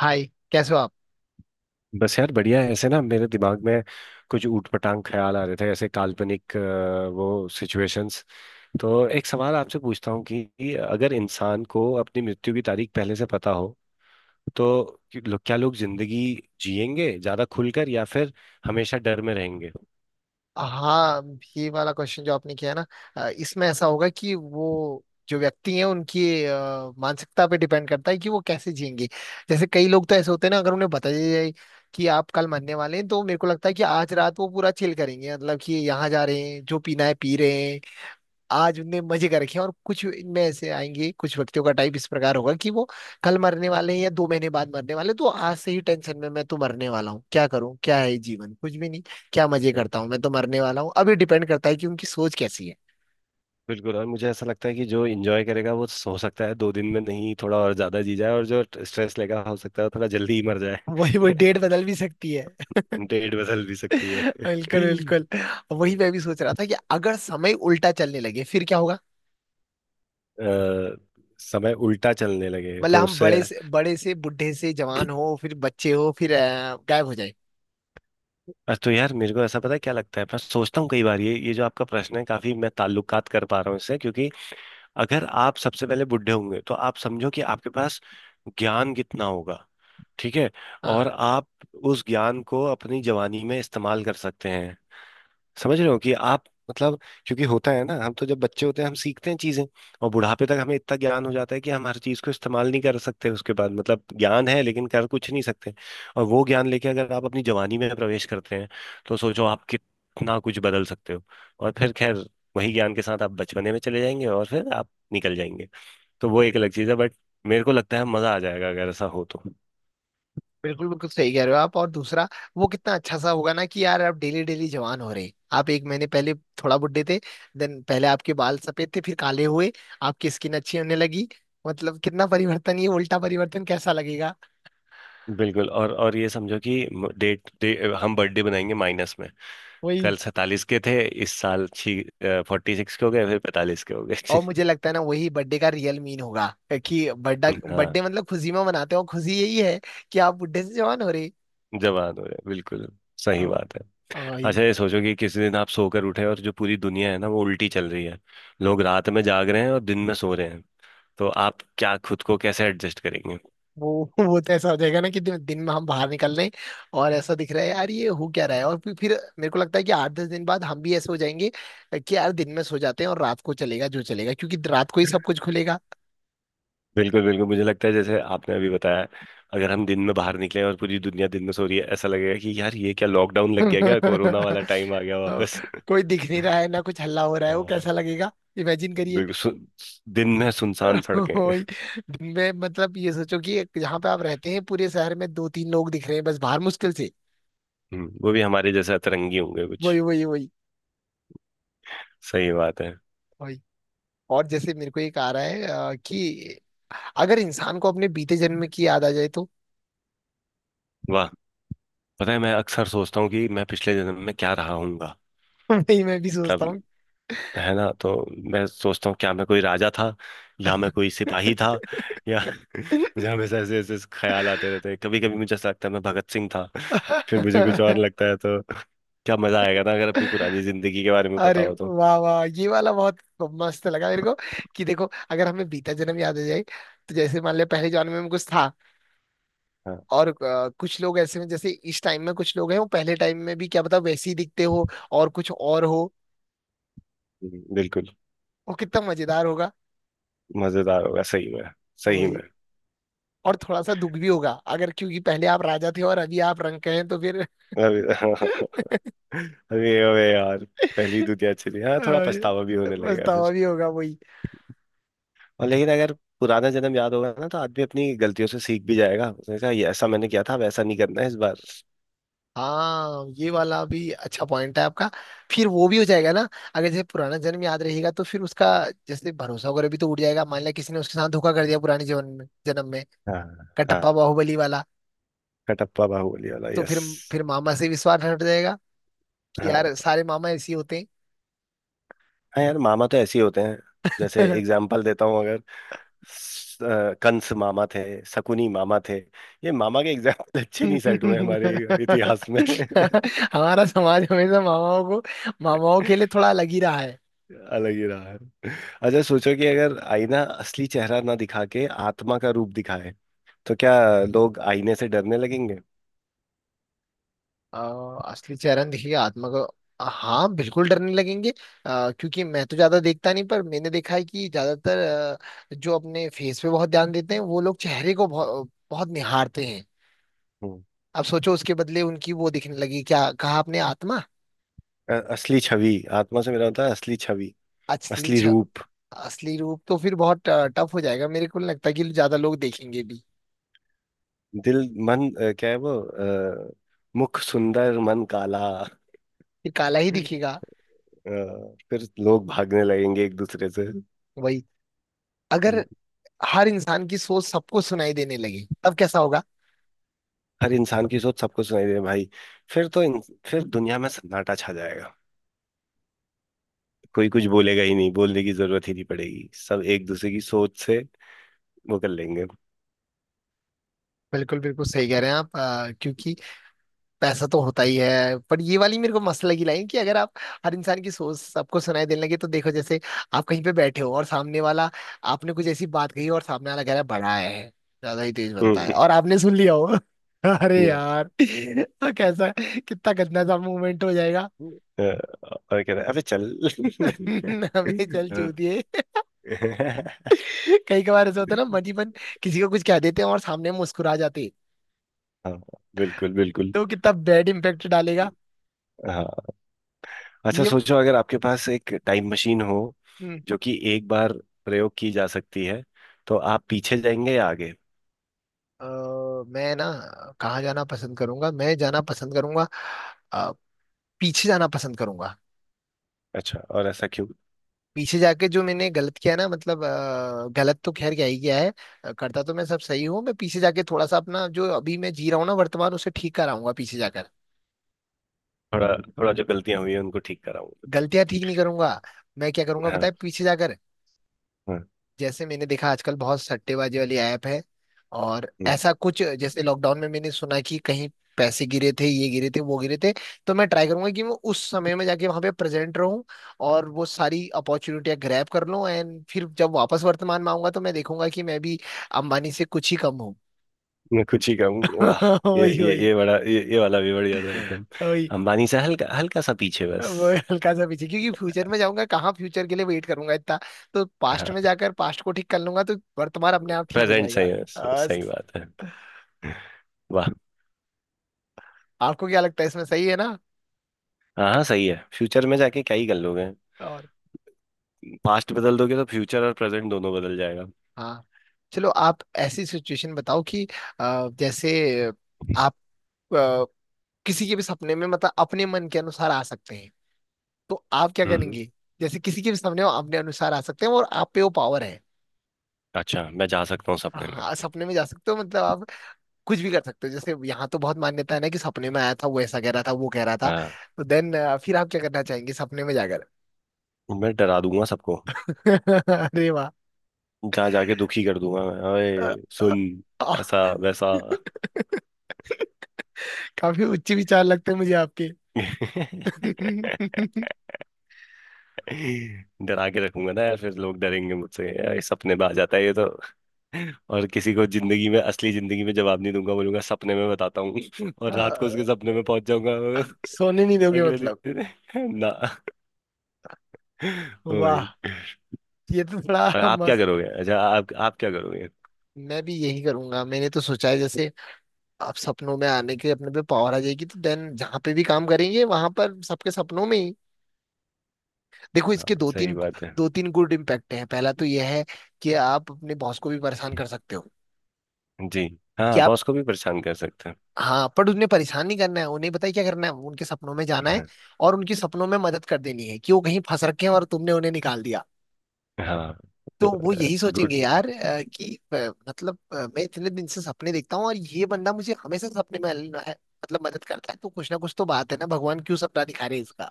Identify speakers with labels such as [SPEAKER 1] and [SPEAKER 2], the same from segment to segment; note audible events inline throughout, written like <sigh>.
[SPEAKER 1] हाय। कैसे हो आप?
[SPEAKER 2] बस यार बढ़िया है ऐसे ना। मेरे दिमाग में कुछ ऊटपटांग ख्याल आ रहे थे, ऐसे काल्पनिक वो सिचुएशंस। तो एक सवाल आपसे पूछता हूँ कि अगर इंसान को अपनी मृत्यु की तारीख पहले से पता हो तो क्या लोग जिंदगी जिएंगे ज्यादा खुलकर, या फिर हमेशा डर में रहेंगे?
[SPEAKER 1] हाँ, ये वाला क्वेश्चन जो आपने किया है ना, इसमें ऐसा होगा कि वो जो व्यक्ति हैं उनकी मानसिकता पे डिपेंड करता है कि वो कैसे जिएंगे। जैसे कई लोग तो ऐसे होते हैं ना, अगर उन्हें बता दिया जाए कि आप कल मरने वाले हैं, तो मेरे को लगता है कि आज रात वो पूरा चिल करेंगे, मतलब कि यहाँ जा रहे हैं जो पीना है पी रहे। आज उनने मजे कर रखे हैं। और कुछ इनमें ऐसे आएंगे, कुछ व्यक्तियों का टाइप इस प्रकार होगा कि वो कल मरने वाले हैं या 2 महीने बाद मरने वाले हैं, तो आज से ही टेंशन में, मैं तो मरने वाला हूँ, क्या करूँ, क्या है ये जीवन, कुछ भी नहीं, क्या मजे करता हूँ, मैं तो मरने वाला हूँ अभी। डिपेंड करता है कि उनकी सोच कैसी है।
[SPEAKER 2] बिल्कुल। और मुझे ऐसा लगता है कि जो इंजॉय करेगा वो हो सकता है 2 दिन में नहीं थोड़ा और ज्यादा जी जाए, और जो स्ट्रेस लेगा हो सकता है वो थोड़ा जल्दी ही मर जाए।
[SPEAKER 1] वही वही, डेट
[SPEAKER 2] <laughs>
[SPEAKER 1] बदल भी सकती है।
[SPEAKER 2] डेट बदल भी सकती है।
[SPEAKER 1] <laughs> बिल्कुल बिल्कुल। वही
[SPEAKER 2] <laughs>
[SPEAKER 1] मैं भी सोच रहा था कि अगर समय उल्टा चलने लगे फिर क्या होगा।
[SPEAKER 2] अ, समय उल्टा चलने लगे
[SPEAKER 1] मतलब
[SPEAKER 2] तो
[SPEAKER 1] हम
[SPEAKER 2] उससे।
[SPEAKER 1] बड़े से बूढ़े से जवान हो, फिर बच्चे हो, फिर गायब हो जाए।
[SPEAKER 2] बस तो यार, मेरे को ऐसा पता है क्या लगता है, मैं सोचता हूँ कई बार ये जो आपका प्रश्न है, काफी मैं ताल्लुकात कर पा रहा हूँ इससे, क्योंकि अगर आप सबसे पहले बुढ़े होंगे तो आप समझो कि आपके पास ज्ञान कितना होगा। ठीक है। और आप उस ज्ञान को अपनी जवानी में इस्तेमाल कर सकते हैं। समझ रहे हो कि आप, मतलब, क्योंकि होता है ना, हम तो जब बच्चे होते हैं हम सीखते हैं चीजें, और बुढ़ापे तक हमें इतना ज्ञान हो जाता है कि हम हर चीज को इस्तेमाल नहीं कर सकते उसके बाद, मतलब ज्ञान है लेकिन कर कुछ नहीं सकते। और वो ज्ञान लेके अगर आप अपनी जवानी में प्रवेश करते हैं, तो सोचो आप कितना कुछ बदल सकते हो। और फिर खैर, वही ज्ञान के साथ आप बचपने में चले जाएंगे और फिर आप निकल जाएंगे। तो वो एक अलग चीज है, बट मेरे को लगता है मजा आ जाएगा अगर ऐसा हो तो।
[SPEAKER 1] बिल्कुल बिल्कुल सही कह रहे हो आप। और दूसरा, वो कितना अच्छा सा होगा ना कि यार आप डेली डेली जवान हो रहे। आप एक महीने पहले थोड़ा बुड्ढे थे, देन पहले आपके बाल सफेद थे फिर काले हुए, आपकी स्किन अच्छी होने लगी। मतलब कितना परिवर्तन, ये उल्टा परिवर्तन कैसा लगेगा।
[SPEAKER 2] बिल्कुल। और ये समझो कि डेट डे, हम बर्थडे बनाएंगे माइनस में।
[SPEAKER 1] वही।
[SPEAKER 2] कल 47 के थे, इस साल छी 46 के हो गए, फिर 45 के हो गए।
[SPEAKER 1] और मुझे लगता है ना, वही बर्थडे का रियल मीन होगा कि बर्थडे
[SPEAKER 2] <laughs> हाँ।
[SPEAKER 1] बर्थडे मतलब खुशी में मनाते हो, खुशी यही है कि आप बुड्ढे से जवान हो रहे।
[SPEAKER 2] जवान हो गए बिल्कुल। सही
[SPEAKER 1] अ-
[SPEAKER 2] बात है।
[SPEAKER 1] वही।
[SPEAKER 2] अच्छा ये सोचो कि किसी दिन आप सोकर उठे और जो पूरी दुनिया है ना, वो उल्टी चल रही है, लोग रात में जाग रहे हैं और दिन में सो रहे हैं, तो आप क्या, खुद को कैसे एडजस्ट करेंगे?
[SPEAKER 1] वो वो तो ऐसा हो जाएगा ना कि दिन, दिन में हम बाहर निकल रहे हैं और ऐसा दिख रहा है, यार ये हो क्या रहा है। और फिर मेरे को लगता है कि 8-10 दिन बाद हम भी ऐसे हो जाएंगे कि यार दिन में सो जाते हैं और रात को चलेगा जो चलेगा, क्योंकि रात को ही सब कुछ खुलेगा।
[SPEAKER 2] बिल्कुल बिल्कुल। मुझे लगता है जैसे आपने अभी बताया, अगर हम दिन में बाहर निकले और पूरी दुनिया दिन में सो रही है, ऐसा लगेगा कि यार ये क्या, लॉकडाउन
[SPEAKER 1] <laughs>
[SPEAKER 2] लग गया क्या, कोरोना वाला
[SPEAKER 1] और
[SPEAKER 2] टाइम आ गया वापस?
[SPEAKER 1] कोई दिख नहीं रहा है ना, कुछ हल्ला हो रहा
[SPEAKER 2] <laughs>
[SPEAKER 1] है, वो कैसा
[SPEAKER 2] हाँ,
[SPEAKER 1] लगेगा। इमेजिन करिए।
[SPEAKER 2] बिल्कुल दिन में सुनसान
[SPEAKER 1] <laughs>
[SPEAKER 2] सड़कें।
[SPEAKER 1] वही। दिन में मतलब ये सोचो कि एक, जहाँ पे आप रहते हैं, पूरे शहर में दो तीन लोग दिख रहे हैं बस, बाहर मुश्किल से।
[SPEAKER 2] वो भी हमारे जैसे अतरंगी होंगे कुछ।
[SPEAKER 1] वही वही वही
[SPEAKER 2] सही बात है।
[SPEAKER 1] वही। और जैसे मेरे को एक आ रहा है कि अगर इंसान को अपने बीते जन्म की याद आ जाए तो?
[SPEAKER 2] वाह! पता है, मैं अक्सर सोचता हूँ कि मैं पिछले जन्म में क्या रहा हूँगा।
[SPEAKER 1] <laughs> वही, मैं भी सोचता हूँ।
[SPEAKER 2] मतलब, है ना? तो मैं सोचता हूँ क्या मैं कोई राजा था, या मैं कोई सिपाही था, या <laughs> मुझे हमेशा ऐसे ऐसे ख्याल आते रहते हैं। कभी कभी मुझे ऐसा लगता है मैं भगत सिंह था, फिर मुझे कुछ और
[SPEAKER 1] <laughs>
[SPEAKER 2] लगता है तो। क्या मजा आएगा ना अगर अपनी पुरानी जिंदगी के बारे में पता
[SPEAKER 1] अरे
[SPEAKER 2] हो तो।
[SPEAKER 1] वाह वाह, ये वाला बहुत मस्त लगा मेरे को। कि देखो, अगर हमें बीता जन्म याद आ जाए, तो जैसे मान लिया पहले जन्म में कुछ था
[SPEAKER 2] हाँ।
[SPEAKER 1] और कुछ लोग ऐसे हैं, जैसे इस टाइम में कुछ लोग हैं, वो पहले टाइम में भी क्या पता वैसे ही दिखते हो, और कुछ और हो।
[SPEAKER 2] बिल्कुल।
[SPEAKER 1] वो कितना मजेदार होगा।
[SPEAKER 2] मजेदार होगा सही में। सही में।
[SPEAKER 1] वही। और थोड़ा सा दुख भी होगा अगर, क्योंकि पहले आप राजा थे और अभी आप रंक हैं, तो फिर
[SPEAKER 2] अरे <laughs> <laughs> अरे अरे यार, पहली दुनिया चली, हाँ थोड़ा पछतावा भी होने लगेगा फिर।
[SPEAKER 1] पछतावा भी होगा।
[SPEAKER 2] और लेकिन अगर पुराना जन्म याद होगा ना, तो आदमी अपनी गलतियों से सीख भी जाएगा, उसने कहा ये ऐसा मैंने किया था, वैसा नहीं करना है इस बार।
[SPEAKER 1] हाँ, ये वाला भी अच्छा पॉइंट है आपका। फिर वो भी हो जाएगा ना, अगर जैसे पुराना जन्म याद रहेगा तो फिर उसका जैसे भरोसा वगैरह भी तो उड़ जाएगा। मान लिया किसी ने उसके साथ धोखा कर दिया पुराने जीवन में, जन्म में।
[SPEAKER 2] हाँ। हाँ।
[SPEAKER 1] कटप्पा बाहुबली वाला।
[SPEAKER 2] कटप्पा बाहुबली वाला,
[SPEAKER 1] तो फिर
[SPEAKER 2] यस।
[SPEAKER 1] फिर मामा से विश्वास हट जाएगा कि यार
[SPEAKER 2] हाँ।
[SPEAKER 1] सारे मामा ऐसे ही होते
[SPEAKER 2] हाँ यार, मामा तो ऐसे ही होते हैं। जैसे
[SPEAKER 1] हैं।
[SPEAKER 2] एग्जाम्पल देता हूँ, अगर कंस मामा थे, शकुनी मामा थे। ये मामा के एग्जाम्पल अच्छे नहीं सेट हुए हमारे
[SPEAKER 1] <laughs>
[SPEAKER 2] इतिहास में। <laughs>
[SPEAKER 1] हमारा समाज हमेशा मामाओं के लिए थोड़ा अलग ही रहा।
[SPEAKER 2] अलग ही रहा है। अच्छा, सोचो कि अगर आईना असली चेहरा ना दिखा के आत्मा का रूप दिखाए, तो क्या लोग आईने से डरने लगेंगे?
[SPEAKER 1] अ, असली चेहरा देखिए आत्मा का। हाँ, बिल्कुल डरने लगेंगे। क्योंकि मैं तो ज्यादा देखता नहीं, पर मैंने देखा है कि ज्यादातर जो अपने फेस पे बहुत ध्यान देते हैं, वो लोग चेहरे को बहुत, बहुत निहारते हैं।
[SPEAKER 2] हम्म।
[SPEAKER 1] अब सोचो उसके बदले उनकी वो दिखने लगी, क्या कहा आपने, आत्मा।
[SPEAKER 2] असली छवि, आत्मा से मेरा होता है असली छवि,
[SPEAKER 1] असली
[SPEAKER 2] असली
[SPEAKER 1] छ,
[SPEAKER 2] रूप।
[SPEAKER 1] असली रूप। तो फिर बहुत टफ हो जाएगा, मेरे को नहीं लगता कि ज्यादा लोग देखेंगे भी।
[SPEAKER 2] दिल, मन, क्या है वो, मुख सुंदर मन काला।
[SPEAKER 1] फिर काला ही
[SPEAKER 2] अ,
[SPEAKER 1] दिखेगा।
[SPEAKER 2] फिर लोग भागने लगेंगे एक दूसरे से।
[SPEAKER 1] वही। अगर
[SPEAKER 2] हम्म।
[SPEAKER 1] हर इंसान की सोच सबको सुनाई देने लगी तब कैसा होगा?
[SPEAKER 2] हर इंसान की सोच सबको सुनाई दे भाई! फिर तो फिर दुनिया में सन्नाटा छा जाएगा। कोई कुछ बोलेगा ही नहीं, बोलने की जरूरत ही नहीं पड़ेगी, सब एक दूसरे की सोच से वो कर लेंगे।
[SPEAKER 1] बिल्कुल बिल्कुल सही कह रहे हैं आप, क्योंकि पैसा तो होता ही है, पर ये वाली मेरे को मस्त लगी लाइन, कि अगर आप हर इंसान की सोच सबको सुनाई देने लगे। तो देखो, जैसे आप कहीं पे बैठे हो और सामने वाला, आपने कुछ ऐसी बात कही और सामने वाला कह रहा है बड़ा है, ज्यादा ही तेज बनता है,
[SPEAKER 2] हम्म।
[SPEAKER 1] और आपने सुन लिया हो। <laughs> अरे
[SPEAKER 2] Yeah.
[SPEAKER 1] यार, तो कैसा, कितना गंदा सा मूवमेंट हो जाएगा।
[SPEAKER 2] अ, और कह रहा है अबे चल।
[SPEAKER 1] <laughs> हमें चल चूतिए।
[SPEAKER 2] <laughs>
[SPEAKER 1] कई कबार ऐसा होता है ना, मन ही मन किसी को कुछ कह देते हैं और सामने मुस्कुरा जाते हैं।
[SPEAKER 2] हाँ। बिल्कुल बिल्कुल।
[SPEAKER 1] तो कितना बैड इम्पेक्ट डालेगा।
[SPEAKER 2] हाँ। अच्छा,
[SPEAKER 1] ये।
[SPEAKER 2] सोचो अगर आपके पास एक टाइम मशीन हो
[SPEAKER 1] हम्म।
[SPEAKER 2] जो कि एक बार प्रयोग की जा सकती है, तो आप पीछे जाएंगे या आगे?
[SPEAKER 1] अ, मैं ना कहाँ जाना पसंद करूंगा, मैं जाना पसंद करूंगा अ, पीछे जाना पसंद करूंगा।
[SPEAKER 2] अच्छा, और ऐसा क्यों?
[SPEAKER 1] पीछे जाके जो मैंने गलत किया है ना, मतलब गलत तो खैर क्या ही किया है, करता तो मैं सब सही हूँ। मैं पीछे जाके थोड़ा सा अपना जो अभी मैं जी रहा हूँ ना वर्तमान, उसे ठीक कराऊंगा पीछे जाकर।
[SPEAKER 2] थोड़ा, थोड़ा जो गलतियां हुई हैं उनको ठीक कराऊं।
[SPEAKER 1] गलतियां ठीक नहीं करूंगा, मैं क्या करूंगा
[SPEAKER 2] हाँ।
[SPEAKER 1] बताए पीछे जाकर।
[SPEAKER 2] हाँ।
[SPEAKER 1] जैसे मैंने देखा आजकल बहुत सट्टेबाजी वाली ऐप है, और
[SPEAKER 2] हम्म,
[SPEAKER 1] ऐसा कुछ, जैसे लॉकडाउन में मैंने सुना कि कहीं पैसे गिरे थे, ये गिरे थे, वो गिरे थे। तो मैं ट्राई करूंगा कि मैं उस समय में जाके वहां पे प्रेजेंट रहूं और वो सारी अपॉर्चुनिटियां ग्रैब कर लूं, एंड फिर जब वापस वर्तमान में आऊंगा तो मैं देखूंगा कि मैं भी अंबानी से कुछ ही कम हूँ।
[SPEAKER 2] मैं कुछ ही कहूँ, वाह!
[SPEAKER 1] <laughs>
[SPEAKER 2] ये
[SPEAKER 1] वही
[SPEAKER 2] ये
[SPEAKER 1] वही
[SPEAKER 2] ये बड़ा, ये वाला भी बढ़िया था एकदम।
[SPEAKER 1] वही।
[SPEAKER 2] अंबानी से हल्का हल्का सा पीछे बस।
[SPEAKER 1] वो हल्का सा पीछे, क्योंकि फ्यूचर में जाऊंगा कहाँ, फ्यूचर के लिए वेट करूंगा इतना। तो पास्ट
[SPEAKER 2] हाँ।
[SPEAKER 1] में जाकर पास्ट को ठीक कर लूंगा तो वर्तमान अपने आप ठीक हो
[SPEAKER 2] प्रेजेंट
[SPEAKER 1] जाएगा।
[SPEAKER 2] सही। सही बात है। वाह।
[SPEAKER 1] आपको क्या लगता है, इसमें सही है ना?
[SPEAKER 2] हाँ, हाँ सही है, फ्यूचर में जाके क्या ही कर लोगे।
[SPEAKER 1] और
[SPEAKER 2] पास्ट बदल दोगे तो फ्यूचर और प्रेजेंट दोनों बदल जाएगा।
[SPEAKER 1] हाँ, चलो आप ऐसी सिचुएशन बताओ कि जैसे आप अ, किसी के भी सपने में, मतलब अपने मन के अनुसार आ सकते हैं, तो आप क्या
[SPEAKER 2] हम्म।
[SPEAKER 1] करेंगे? जैसे किसी के भी सपने में अपने अनुसार आ सकते हैं और आप पे वो पावर है।
[SPEAKER 2] अच्छा, मैं जा सकता हूँ सपने में?
[SPEAKER 1] हाँ, सपने में जा सकते हो, मतलब आप कुछ भी कर सकते हो। जैसे यहाँ तो बहुत मान्यता है ना कि सपने में आया था, वो ऐसा कह रहा था, वो कह रहा था।
[SPEAKER 2] हाँ।
[SPEAKER 1] तो देन फिर आप क्या करना चाहेंगे सपने में जाकर?
[SPEAKER 2] मैं डरा दूंगा सबको,
[SPEAKER 1] <laughs> अरे वाह।
[SPEAKER 2] जहाँ जाके दुखी कर दूंगा, मैं
[SPEAKER 1] अ,
[SPEAKER 2] अरे
[SPEAKER 1] अ,
[SPEAKER 2] सुन,
[SPEAKER 1] अ,
[SPEAKER 2] ऐसा वैसा।
[SPEAKER 1] काफी उच्च विचार लगते हैं मुझे आपके। <laughs>
[SPEAKER 2] <laughs> डरा के रखूंगा ना यार, फिर लोग डरेंगे मुझसे, यार ये सपने में आ जाता है ये तो। और किसी को जिंदगी में, असली जिंदगी में जवाब नहीं दूंगा, बोलूंगा सपने में बताता हूँ <laughs> और रात को उसके
[SPEAKER 1] हाँ,
[SPEAKER 2] सपने में पहुंच जाऊंगा।
[SPEAKER 1] सोने नहीं
[SPEAKER 2] <laughs>
[SPEAKER 1] दोगे
[SPEAKER 2] अगले
[SPEAKER 1] मतलब।
[SPEAKER 2] दिन <laughs> ना। <laughs> ओ
[SPEAKER 1] वाह,
[SPEAKER 2] भाई।
[SPEAKER 1] ये तो
[SPEAKER 2] और
[SPEAKER 1] बड़ा
[SPEAKER 2] आप क्या
[SPEAKER 1] मस्त।
[SPEAKER 2] करोगे? अच्छा, आप क्या करोगे?
[SPEAKER 1] मैं भी यही करूंगा, मैंने तो सोचा है जैसे आप सपनों में आने के अपने पे पावर आ जाएगी, तो देन जहां पे भी काम करेंगे वहां पर सबके सपनों में ही। देखो,
[SPEAKER 2] हाँ,
[SPEAKER 1] इसके दो
[SPEAKER 2] सही
[SPEAKER 1] तीन
[SPEAKER 2] बात है।
[SPEAKER 1] दो तीन गुड इम्पैक्ट हैं। पहला तो यह है कि आप अपने बॉस को भी परेशान कर सकते हो।
[SPEAKER 2] जी।
[SPEAKER 1] कि
[SPEAKER 2] हाँ,
[SPEAKER 1] आप
[SPEAKER 2] बॉस को भी परेशान कर सकते हैं।
[SPEAKER 1] हाँ, पर उन्हें परेशान नहीं करना है, उन्हें पता है क्या करना है, उनके सपनों में जाना है
[SPEAKER 2] हाँ।
[SPEAKER 1] और उनके सपनों में मदद कर देनी है कि वो कहीं फंस रखे हैं और तुमने उन्हें निकाल दिया।
[SPEAKER 2] हाँ।
[SPEAKER 1] तो वो यही
[SPEAKER 2] गुड।
[SPEAKER 1] सोचेंगे, यार कि अ, मतलब मैं इतने दिन से सपने देखता हूँ और ये बंदा मुझे हमेशा सपने में मतलब मदद करता है, तो कुछ ना कुछ तो बात है ना, भगवान क्यों सपना दिखा रहे हैं इसका।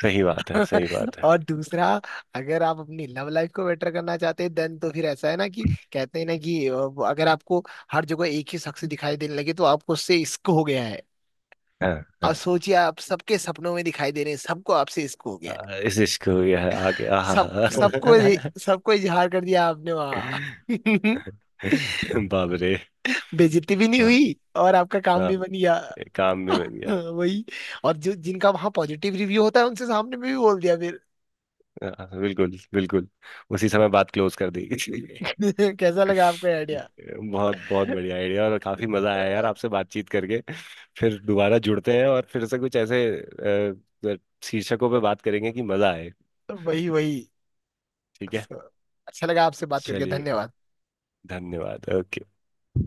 [SPEAKER 2] सही बात है, सही
[SPEAKER 1] <laughs>
[SPEAKER 2] बात है।
[SPEAKER 1] और दूसरा, अगर आप अपनी लव लाइफ को बेटर करना चाहते हैं, देन तो फिर ऐसा है ना कि, कहते हैं ना कि वो अगर आपको हर जगह एक ही शख्स दिखाई देने लगे, तो आपको उससे इश्क हो गया है।
[SPEAKER 2] हाँ।
[SPEAKER 1] अब
[SPEAKER 2] हाँ।
[SPEAKER 1] सोचिए आप सबके सपनों में दिखाई दे रहे हैं, सबको आपसे इश्क हो गया है।
[SPEAKER 2] इस इश्क हो गया है आगे, आहा।
[SPEAKER 1] सब सबको सबको इजहार कर दिया आपने वहां। <laughs>
[SPEAKER 2] बाप रे।
[SPEAKER 1] बेइज्जती भी नहीं
[SPEAKER 2] वाह,
[SPEAKER 1] हुई और आपका काम
[SPEAKER 2] हाँ,
[SPEAKER 1] भी बन गया।
[SPEAKER 2] काम भी बन गया।
[SPEAKER 1] हाँ, वही। और जो जिनका वहां पॉजिटिव रिव्यू होता है, उनसे सामने में भी बोल दिया फिर।
[SPEAKER 2] हाँ, बिल्कुल बिल्कुल। उसी समय बात क्लोज कर दी।
[SPEAKER 1] <laughs> कैसा लगा आपका आइडिया?
[SPEAKER 2] बहुत बहुत बढ़िया आइडिया, और काफी मजा आया यार आपसे बातचीत करके। फिर दोबारा जुड़ते हैं और फिर से कुछ ऐसे अ, शीर्षकों पे बात करेंगे कि मजा आए।
[SPEAKER 1] वही वही।
[SPEAKER 2] ठीक है।
[SPEAKER 1] So, अच्छा लगा आपसे बात करके,
[SPEAKER 2] चलिए,
[SPEAKER 1] धन्यवाद।
[SPEAKER 2] धन्यवाद। ओके।